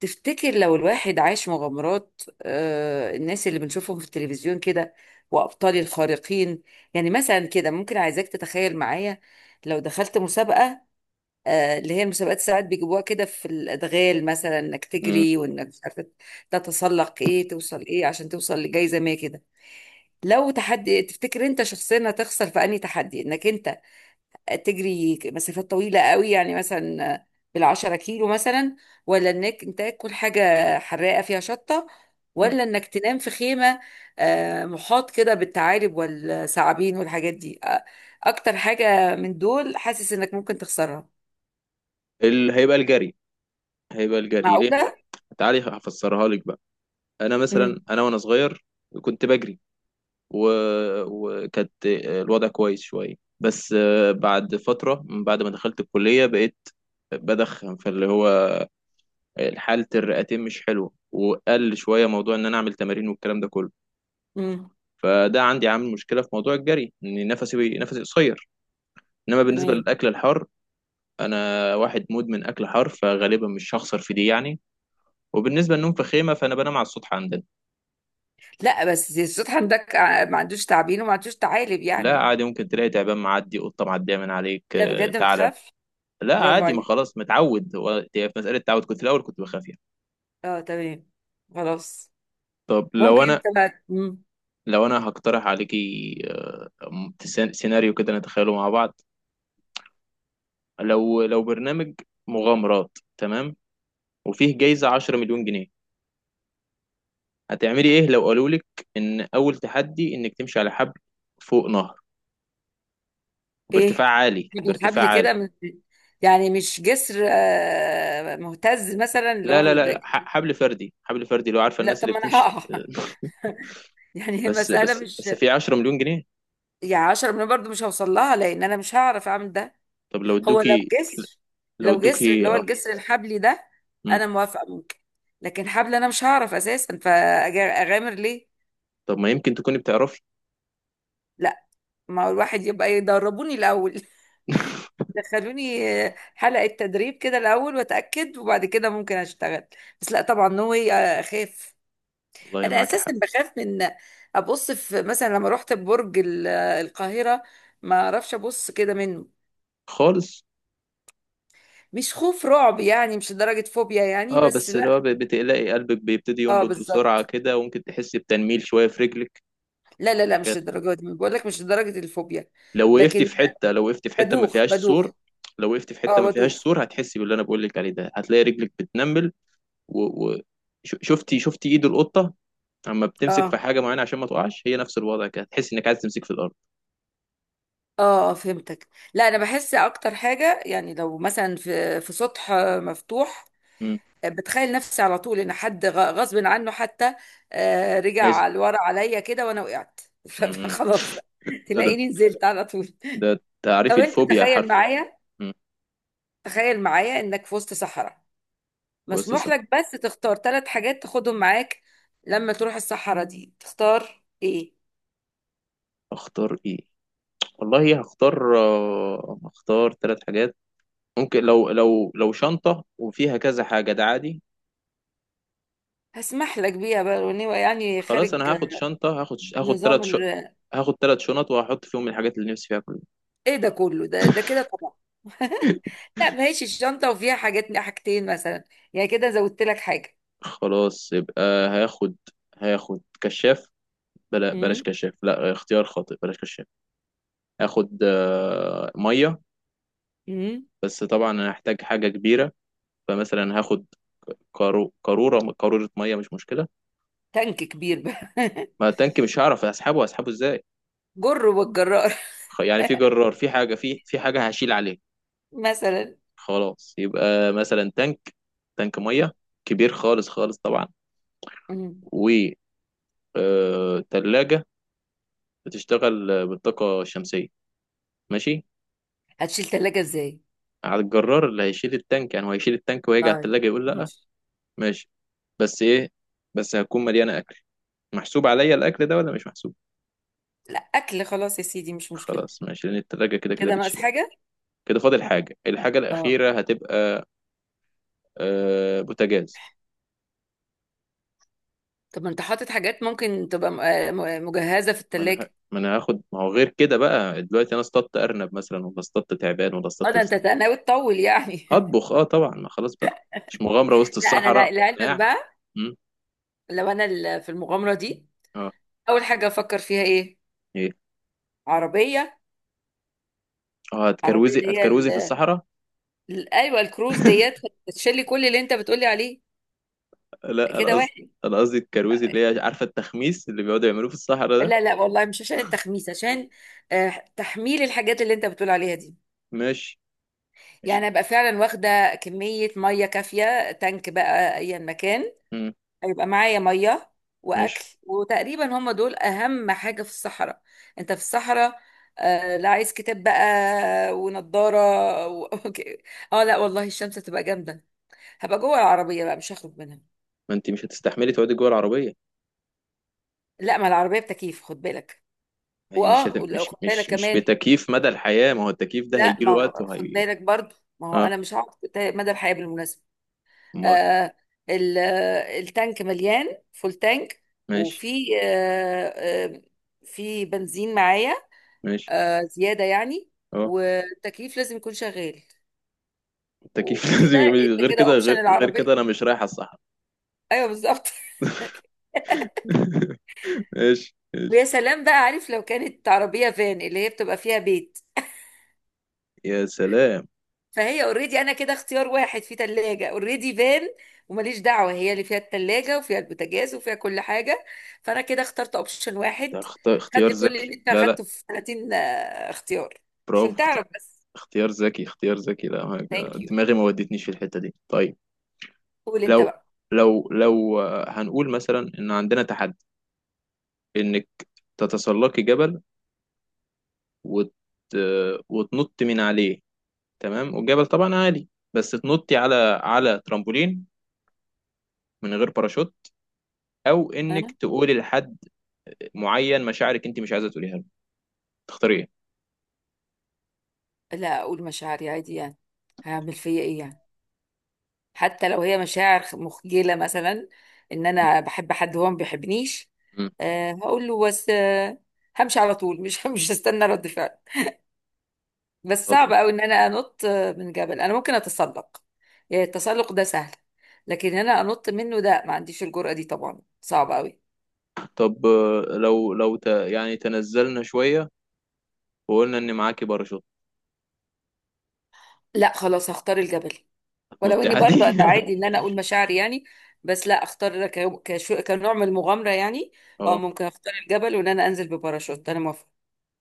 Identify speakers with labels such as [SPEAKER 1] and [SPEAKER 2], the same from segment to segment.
[SPEAKER 1] تفتكر لو الواحد عاش مغامرات، الناس اللي بنشوفهم في التلفزيون كده وأبطال الخارقين؟ يعني مثلا كده ممكن عايزاك تتخيل معايا. لو دخلت مسابقة، اللي هي المسابقات ساعات بيجيبوها كده في الأدغال مثلا، إنك
[SPEAKER 2] مم.
[SPEAKER 1] تجري وإنك مش عارفة تتسلق إيه، توصل إيه عشان توصل لجائزة ما كده. لو تحدي، تفتكر أنت شخصيا هتخسر في أنهي تحدي؟ إنك أنت تجري مسافات طويلة قوي، يعني مثلا بالعشرة كيلو مثلا، ولا انك انت تاكل حاجة حراقة فيها شطة،
[SPEAKER 2] مم.
[SPEAKER 1] ولا انك تنام في خيمة محاط كده بالثعالب والثعابين والحاجات دي؟ اكتر حاجة من دول حاسس انك ممكن تخسرها؟
[SPEAKER 2] ال... هيبقى الجري هيبقى الجري ليه؟
[SPEAKER 1] معقولة؟
[SPEAKER 2] تعالي هفسرها لك بقى. انا مثلا
[SPEAKER 1] امم.
[SPEAKER 2] انا وانا صغير كنت بجري و... وكانت الوضع كويس شويه. بس بعد فتره من بعد ما دخلت الكليه بقيت بدخن، فاللي هو حاله الرئتين مش حلوه، وقل شويه موضوع ان انا اعمل تمارين والكلام ده كله.
[SPEAKER 1] امم.
[SPEAKER 2] فده عندي عامل مشكله في موضوع الجري، ان نفسي قصير. انما بالنسبه
[SPEAKER 1] تمام.
[SPEAKER 2] للاكل الحار، انا واحد مدمن اكل حار، فغالبا مش هخسر في دي يعني. وبالنسبة للنوم في خيمة، فأنا بنام على السطح عندنا.
[SPEAKER 1] لا، بس زي الصوت عندك ما عندوش تعابين وما عندوش ثعالب
[SPEAKER 2] لا
[SPEAKER 1] يعني.
[SPEAKER 2] عادي، ممكن تلاقي تعبان معدي، قطة معدية من عليك،
[SPEAKER 1] لا، بجد ما
[SPEAKER 2] ثعلب.
[SPEAKER 1] تخافش.
[SPEAKER 2] لا
[SPEAKER 1] برافو
[SPEAKER 2] عادي، ما
[SPEAKER 1] عليك.
[SPEAKER 2] خلاص متعود هو. هي في مسألة تعود، كنت الأول كنت بخاف يعني.
[SPEAKER 1] اه، تمام. خلاص.
[SPEAKER 2] طب لو
[SPEAKER 1] ممكن
[SPEAKER 2] أنا
[SPEAKER 1] انت بقى.
[SPEAKER 2] لو أنا هقترح عليكي، سيناريو كده نتخيله مع بعض. لو برنامج مغامرات، تمام، وفيه جايزة 10 مليون جنيه. هتعملي إيه لو قالوا لك إن أول تحدي إنك تمشي على حبل فوق نهر بارتفاع
[SPEAKER 1] ايه،
[SPEAKER 2] عالي
[SPEAKER 1] حبل
[SPEAKER 2] بارتفاع
[SPEAKER 1] حبل
[SPEAKER 2] عالي؟
[SPEAKER 1] كده من، يعني مش جسر مهتز مثلا، اللي
[SPEAKER 2] لا
[SPEAKER 1] هو
[SPEAKER 2] لا لا، حبل فردي، حبل فردي، لو عارفه
[SPEAKER 1] لا
[SPEAKER 2] الناس
[SPEAKER 1] طب
[SPEAKER 2] اللي
[SPEAKER 1] ما انا
[SPEAKER 2] بتمشي.
[SPEAKER 1] هقع يعني هي
[SPEAKER 2] بس
[SPEAKER 1] المسألة
[SPEAKER 2] بس
[SPEAKER 1] مش،
[SPEAKER 2] بس في 10 مليون جنيه.
[SPEAKER 1] يعني 10 مليون برضو مش هوصل لها، لان انا مش هعرف اعمل ده.
[SPEAKER 2] طب لو
[SPEAKER 1] هو لو
[SPEAKER 2] ادوكي
[SPEAKER 1] جسر،
[SPEAKER 2] لو
[SPEAKER 1] لو جسر
[SPEAKER 2] ادوكي
[SPEAKER 1] اللي هو
[SPEAKER 2] اه.
[SPEAKER 1] الجسر الحبلي ده،
[SPEAKER 2] مم.
[SPEAKER 1] انا موافقة ممكن. لكن حبل انا مش هعرف اساسا، فاغامر ليه؟
[SPEAKER 2] طب ما يمكن تكوني بتعرفي.
[SPEAKER 1] لا، ما هو الواحد يبقى يدربوني الأول دخلوني حلقة تدريب كده الأول وأتأكد، وبعد كده ممكن أشتغل. بس لا طبعا، نو واي. أخاف.
[SPEAKER 2] والله
[SPEAKER 1] أنا
[SPEAKER 2] معاكي
[SPEAKER 1] أساسا
[SPEAKER 2] حق.
[SPEAKER 1] بخاف من أبص في، مثلا لما رحت برج القاهرة ما أعرفش أبص كده منه.
[SPEAKER 2] خالص.
[SPEAKER 1] مش خوف رعب يعني، مش لدرجة فوبيا يعني،
[SPEAKER 2] اه،
[SPEAKER 1] بس
[SPEAKER 2] بس اللي هو
[SPEAKER 1] لا.
[SPEAKER 2] بتقلقي، قلبك بيبتدي
[SPEAKER 1] اه
[SPEAKER 2] ينبض بسرعة
[SPEAKER 1] بالظبط.
[SPEAKER 2] كده، وممكن تحسي بتنميل شوية في رجلك.
[SPEAKER 1] لا لا لا، مش
[SPEAKER 2] حاجات من دي.
[SPEAKER 1] للدرجة دي، بقول لك مش لدرجة الفوبيا.
[SPEAKER 2] لو وقفتي
[SPEAKER 1] لكن
[SPEAKER 2] في حتة لو وقفتي في حتة ما
[SPEAKER 1] بدوخ
[SPEAKER 2] فيهاش سور
[SPEAKER 1] بدوخ.
[SPEAKER 2] لو وقفتي في
[SPEAKER 1] اه
[SPEAKER 2] حتة ما فيهاش
[SPEAKER 1] بدوخ.
[SPEAKER 2] سور، هتحسي باللي انا بقول لك عليه ده، هتلاقي رجلك بتنمل و... و... شفتي ايد القطة اما بتمسك في
[SPEAKER 1] اه،
[SPEAKER 2] حاجه معينه عشان ما تقعش، هي نفس الوضع كده، تحس انك عايز تمسك في الارض.
[SPEAKER 1] اه، فهمتك. لا انا بحس اكتر حاجه يعني، لو مثلا في سطح مفتوح،
[SPEAKER 2] امم.
[SPEAKER 1] بتخيل نفسي على طول ان حد غصب عنه حتى
[SPEAKER 2] عايز.
[SPEAKER 1] رجع لورا عليا كده وانا وقعت
[SPEAKER 2] امم.
[SPEAKER 1] فخلاص
[SPEAKER 2] ده
[SPEAKER 1] تلاقيني نزلت على طول.
[SPEAKER 2] ده
[SPEAKER 1] طب
[SPEAKER 2] تعريف
[SPEAKER 1] انت
[SPEAKER 2] الفوبيا
[SPEAKER 1] تخيل
[SPEAKER 2] حرف.
[SPEAKER 1] معايا
[SPEAKER 2] امم.
[SPEAKER 1] تخيل معايا انك في وسط صحراء،
[SPEAKER 2] بص
[SPEAKER 1] مسموح
[SPEAKER 2] صح.
[SPEAKER 1] لك بس تختار 3 حاجات تاخدهم معاك. لما تروح الصحراء دي تختار ايه؟
[SPEAKER 2] اختار ايه؟ والله هختار ثلاث حاجات. ممكن لو شنطه وفيها كذا حاجه ده عادي.
[SPEAKER 1] هسمح لك بيها بقى، يعني
[SPEAKER 2] خلاص،
[SPEAKER 1] خارج
[SPEAKER 2] انا هاخد شنطه، هاخد
[SPEAKER 1] نظام.
[SPEAKER 2] ثلاث هاخد ثلاث شنط وهحط فيهم الحاجات اللي نفسي فيها كلها.
[SPEAKER 1] ايه ده كله؟ ده ده كده طبعا لا، ما هيش الشنطه وفيها حاجات، حاجتين مثلا. يعني كده زودت لك حاجه.
[SPEAKER 2] خلاص يبقى هاخد هاخد كشاف. بلاش
[SPEAKER 1] امم.
[SPEAKER 2] كشاف، لا، اختيار خاطئ، بلاش كشاف. هاخد ميه.
[SPEAKER 1] امم.
[SPEAKER 2] بس طبعا انا هحتاج حاجه كبيره، فمثلا هاخد كارو قاروره قاروره ميه، مش مشكله.
[SPEAKER 1] تانك كبير بقى
[SPEAKER 2] ما التانك مش هعرف اسحبه ازاي.
[SPEAKER 1] جر والجرار
[SPEAKER 2] يعني في جرار، في حاجه، في حاجه هشيل عليه.
[SPEAKER 1] مثلا.
[SPEAKER 2] خلاص يبقى مثلا تانك ميه، كبير خالص خالص طبعا.
[SPEAKER 1] مم.
[SPEAKER 2] و تلاجة بتشتغل بالطاقه الشمسيه. ماشي،
[SPEAKER 1] هتشيل ثلاجه ازاي؟
[SPEAKER 2] على الجرار اللي هيشيل التانك يعني، هو هيشيل التانك وهيجي على
[SPEAKER 1] طيب
[SPEAKER 2] التلاجة يقول لا.
[SPEAKER 1] ماشي.
[SPEAKER 2] ماشي. بس ايه، بس هتكون مليانه اكل. محسوب عليا الاكل ده ولا مش محسوب؟
[SPEAKER 1] لا، اكل خلاص يا سيدي، مش مشكله.
[SPEAKER 2] خلاص ماشي، لان التلاجة كده كده
[SPEAKER 1] كده ناقص
[SPEAKER 2] بتشيل أكل.
[SPEAKER 1] حاجه.
[SPEAKER 2] كده فاضل حاجه، الحاجه
[SPEAKER 1] اه،
[SPEAKER 2] الاخيره هتبقى بوتاجاز.
[SPEAKER 1] طب ما انت حاطط حاجات ممكن تبقى مجهزه في الثلاجه.
[SPEAKER 2] ما انا هاخد، ما هو غير كده بقى دلوقتي انا اصطدت ارنب مثلا، ولا اصطدت تعبان، ولا
[SPEAKER 1] اه،
[SPEAKER 2] اصطدت
[SPEAKER 1] ده انت
[SPEAKER 2] لسان.
[SPEAKER 1] ناوي تطول يعني
[SPEAKER 2] هطبخ، اه طبعا، ما خلاص بقى. مش مغامره وسط
[SPEAKER 1] لا انا
[SPEAKER 2] الصحراء. انا
[SPEAKER 1] لعلمك
[SPEAKER 2] قاعد.
[SPEAKER 1] بقى،
[SPEAKER 2] مم.
[SPEAKER 1] لو انا في المغامره دي
[SPEAKER 2] اه.
[SPEAKER 1] اول حاجه افكر فيها ايه؟
[SPEAKER 2] ايه.
[SPEAKER 1] عربيه.
[SPEAKER 2] اه
[SPEAKER 1] عربية
[SPEAKER 2] هتكروزي
[SPEAKER 1] اللي هي
[SPEAKER 2] هتكروزي في الصحراء.
[SPEAKER 1] ايوه الكروز ديت، بتشيلي كل اللي انت بتقولي عليه
[SPEAKER 2] لا، انا
[SPEAKER 1] كده،
[SPEAKER 2] قصدي
[SPEAKER 1] واحد.
[SPEAKER 2] انا قصدي الكروزي، اللي هي عارفه التخميس اللي بيقعدوا يعملوه في الصحراء ده.
[SPEAKER 1] لا لا، والله مش عشان التخميس، عشان آه، تحميل الحاجات اللي انت بتقول عليها دي.
[SPEAKER 2] ماشي. مش،
[SPEAKER 1] يعني ابقى فعلا واخده كميه ميه كافيه، تانك بقى، ايا مكان
[SPEAKER 2] مم.
[SPEAKER 1] هيبقى معايا ميه واكل،
[SPEAKER 2] ماشي.
[SPEAKER 1] وتقريبا هم دول اهم حاجه في الصحراء. انت في الصحراء. آه لا عايز كتاب بقى ونضاره و... أوكي. اه لا والله، الشمس هتبقى جامده، هبقى جوه العربيه بقى مش هخرج منها.
[SPEAKER 2] ما انت مش هتستحملي تقعدي جوه العربيه؟
[SPEAKER 1] لا، ما العربية بتكييف، خد بالك.
[SPEAKER 2] ما هي
[SPEAKER 1] واه، ولو
[SPEAKER 2] مش
[SPEAKER 1] خد بالك
[SPEAKER 2] مش مش
[SPEAKER 1] كمان.
[SPEAKER 2] بتكييف مدى الحياه، ما هو التكييف ده
[SPEAKER 1] لا،
[SPEAKER 2] هيجي
[SPEAKER 1] ما
[SPEAKER 2] له وقت،
[SPEAKER 1] هو- خد
[SPEAKER 2] وهي.
[SPEAKER 1] بالك برضو، ما هو
[SPEAKER 2] اه.
[SPEAKER 1] انا مش هقعد مدى الحياة بالمناسبة.
[SPEAKER 2] امال.
[SPEAKER 1] آه التانك مليان، فول تانك.
[SPEAKER 2] ماشي
[SPEAKER 1] وفي في بنزين معايا
[SPEAKER 2] ماشي.
[SPEAKER 1] زيادة يعني.
[SPEAKER 2] اه،
[SPEAKER 1] والتكييف لازم يكون شغال.
[SPEAKER 2] التكييف لازم
[SPEAKER 1] وكده انت
[SPEAKER 2] غير
[SPEAKER 1] كده
[SPEAKER 2] كده
[SPEAKER 1] اوبشن
[SPEAKER 2] غير, غير كده
[SPEAKER 1] العربية.
[SPEAKER 2] انا مش رايح الصحراء.
[SPEAKER 1] ايوه بالظبط
[SPEAKER 2] ماشي ماشي.
[SPEAKER 1] ويا سلام بقى عارف، لو كانت عربية فان اللي هي بتبقى فيها بيت،
[SPEAKER 2] يا سلام.
[SPEAKER 1] فهي اوريدي. انا كده اختيار واحد، في تلاجة اوريدي فان، وماليش دعوة، هي اللي فيها التلاجة وفيها البوتاجاز وفيها كل حاجة. فانا كده اخترت اوبشن
[SPEAKER 2] ده
[SPEAKER 1] واحد، خد
[SPEAKER 2] اختيار
[SPEAKER 1] لي كل
[SPEAKER 2] ذكي.
[SPEAKER 1] اللي انت
[SPEAKER 2] لا لا.
[SPEAKER 1] اخدته في 30 اختيار،
[SPEAKER 2] برافو.
[SPEAKER 1] عشان تعرف بس.
[SPEAKER 2] اختيار ذكي، اختيار ذكي، لا
[SPEAKER 1] ثانك يو.
[SPEAKER 2] دماغي ما ودتنيش في الحته دي. طيب.
[SPEAKER 1] قول انت
[SPEAKER 2] لو
[SPEAKER 1] بقى.
[SPEAKER 2] لو هنقول مثلا ان عندنا تحدي انك تتسلقي جبل وت... وتنط من عليه، تمام، والجبل طبعا عالي، بس تنطي على ترامبولين من غير باراشوت، او
[SPEAKER 1] أه؟
[SPEAKER 2] انك تقولي لحد معين مشاعرك انت مش عايزه تقوليها له. تختاري ايه؟
[SPEAKER 1] لا، اقول مشاعري عادي يعني، هعمل فيا ايه يعني؟ حتى لو هي مشاعر مخجلة مثلا، ان
[SPEAKER 2] مم.
[SPEAKER 1] انا بحب حد هو ما بيحبنيش،
[SPEAKER 2] مم.
[SPEAKER 1] أه هقول له، بس أه، همشي على طول، مش مش هستنى رد فعل. بس
[SPEAKER 2] على
[SPEAKER 1] صعب
[SPEAKER 2] طول.
[SPEAKER 1] قوي ان انا انط من جبل. انا ممكن اتسلق، يعني التسلق ده سهل، لكن انا انط منه ده ما عنديش الجرأة دي، طبعا صعب قوي.
[SPEAKER 2] طب لو يعني تنزلنا شويه، وقلنا ان معاكي باراشوت،
[SPEAKER 1] لا، خلاص هختار الجبل، ولو
[SPEAKER 2] هتنطي
[SPEAKER 1] اني
[SPEAKER 2] عادي؟
[SPEAKER 1] برضه انا عادي ان انا اقول مشاعري يعني، بس لا اختار كشو كنوع من المغامرة يعني. اه،
[SPEAKER 2] اه،
[SPEAKER 1] ممكن اختار الجبل وان انا انزل بباراشوت، انا موافقة.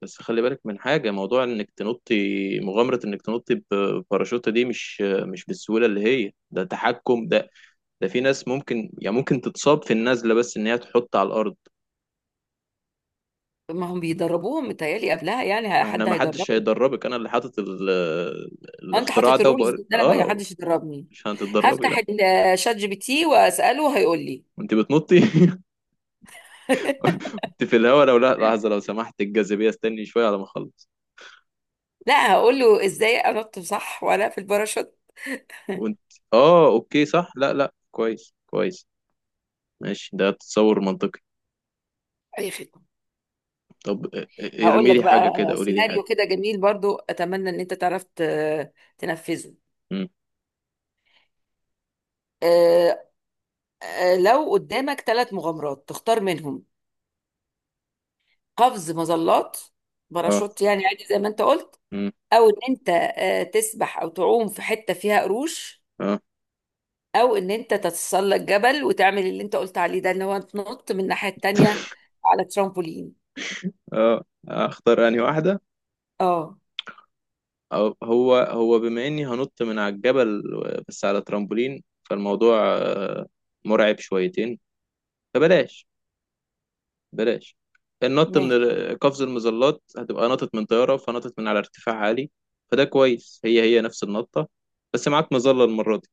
[SPEAKER 2] بس خلي بالك من حاجه، موضوع انك تنطي، مغامره انك تنطي بباراشوت دي مش بالسهوله اللي هي ده، تحكم ده في ناس ممكن، يعني ممكن تتصاب في النزله بس ان هي تحط على الارض.
[SPEAKER 1] ما هم بيدربوهم متهيألي قبلها يعني،
[SPEAKER 2] ما احنا
[SPEAKER 1] حد
[SPEAKER 2] ما حدش
[SPEAKER 1] هيدربني.
[SPEAKER 2] هيدربك. انا اللي حاطط
[SPEAKER 1] انت
[SPEAKER 2] الاختراع
[SPEAKER 1] حاطط
[SPEAKER 2] ده
[SPEAKER 1] الرولز
[SPEAKER 2] وبقول
[SPEAKER 1] دي إن انا ما
[SPEAKER 2] اه.
[SPEAKER 1] حدش يدربني.
[SPEAKER 2] مش هتتدربي لا.
[SPEAKER 1] هفتح الشات جي بي تي واساله هيقول لي
[SPEAKER 2] وانت بتنطي كنت في الهوا، لو، لا لحظه لو سمحت، الجاذبيه استني شويه على ما اخلص.
[SPEAKER 1] لا، هقول له ازاي انط صح وانا في الباراشوت.
[SPEAKER 2] وانت، اه اوكي، صح، لا لا، كويس كويس. ماشي، ده تصور منطقي.
[SPEAKER 1] اي خدمه.
[SPEAKER 2] طب اه، اه،
[SPEAKER 1] هقول
[SPEAKER 2] ارمي
[SPEAKER 1] لك
[SPEAKER 2] لي حاجه
[SPEAKER 1] بقى
[SPEAKER 2] كده، قولي لي
[SPEAKER 1] سيناريو
[SPEAKER 2] حاجه.
[SPEAKER 1] كده جميل برضو، اتمنى ان انت تعرف تنفذه.
[SPEAKER 2] امم.
[SPEAKER 1] آه، لو قدامك 3 مغامرات تختار منهم: قفز مظلات،
[SPEAKER 2] اه.
[SPEAKER 1] باراشوت يعني عادي زي ما انت قلت،
[SPEAKER 2] امم.
[SPEAKER 1] او ان انت تسبح او تعوم في حته فيها قروش،
[SPEAKER 2] اه.
[SPEAKER 1] او ان انت تتسلق جبل وتعمل اللي انت قلت عليه ده، ان هو تنط من الناحيه التانيه على ترامبولين.
[SPEAKER 2] اه. اختار انهي واحده.
[SPEAKER 1] اه.
[SPEAKER 2] هو بما اني هنط من على الجبل بس على ترامبولين، فالموضوع مرعب شويتين، فبلاش، بلاش. النط من
[SPEAKER 1] ماشي.
[SPEAKER 2] قفز المظلات، هتبقى نطت من طيارة، فنطت من على ارتفاع عالي، فده كويس، هي نفس النطة بس معاك مظلة المرة دي.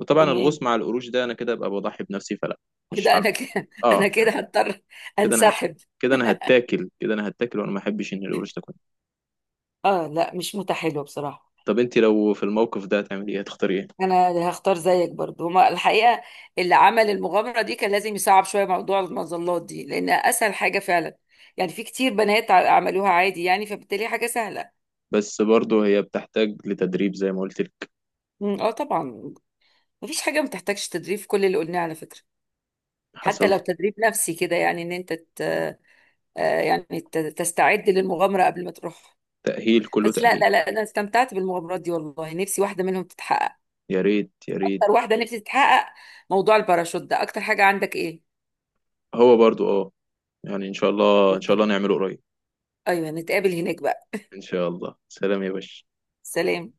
[SPEAKER 2] وطبعا
[SPEAKER 1] تمام.
[SPEAKER 2] الغوص مع القروش ده، انا كده ابقى بضحي بنفسي، فلا، مش
[SPEAKER 1] كده
[SPEAKER 2] هعرف.
[SPEAKER 1] انا كده
[SPEAKER 2] اه،
[SPEAKER 1] انا كده هضطر
[SPEAKER 2] كده انا
[SPEAKER 1] انسحب.
[SPEAKER 2] كده انا هتاكل، وانا ما احبش ان القروش تاكل.
[SPEAKER 1] اه لا، مش متحلو بصراحه.
[SPEAKER 2] طب انت لو في الموقف ده هتعملي ايه، هتختاري ايه؟
[SPEAKER 1] انا هختار زيك برضو هما الحقيقه. اللي عمل المغامره دي كان لازم يصعب شويه موضوع المظلات دي، لان اسهل حاجه فعلا، يعني في كتير بنات عملوها عادي يعني، فبالتالي حاجه سهله.
[SPEAKER 2] بس برضه هي بتحتاج لتدريب زي ما قلت لك.
[SPEAKER 1] أمم، اه طبعا. مفيش حاجه ما تحتاجش تدريب في كل اللي قلناه على فكره، حتى
[SPEAKER 2] حصل.
[SPEAKER 1] لو تدريب نفسي كده، يعني ان انت ت... آه، يعني تستعد للمغامره قبل ما تروح.
[SPEAKER 2] تأهيل، كله
[SPEAKER 1] بس لا لا
[SPEAKER 2] تأهيل.
[SPEAKER 1] لا، انا استمتعت بالمغامرات دي والله، نفسي واحده منهم تتحقق.
[SPEAKER 2] يا ريت يا ريت.
[SPEAKER 1] اكتر واحده نفسي تتحقق موضوع الباراشوت ده. اكتر حاجه عندك ايه؟
[SPEAKER 2] هو برضه اه، يعني ان شاء الله ان شاء الله
[SPEAKER 1] اوكي.
[SPEAKER 2] نعمله قريب.
[SPEAKER 1] ايوه نتقابل هناك بقى.
[SPEAKER 2] ان شاء الله. سلام يا باشا.
[SPEAKER 1] سلام.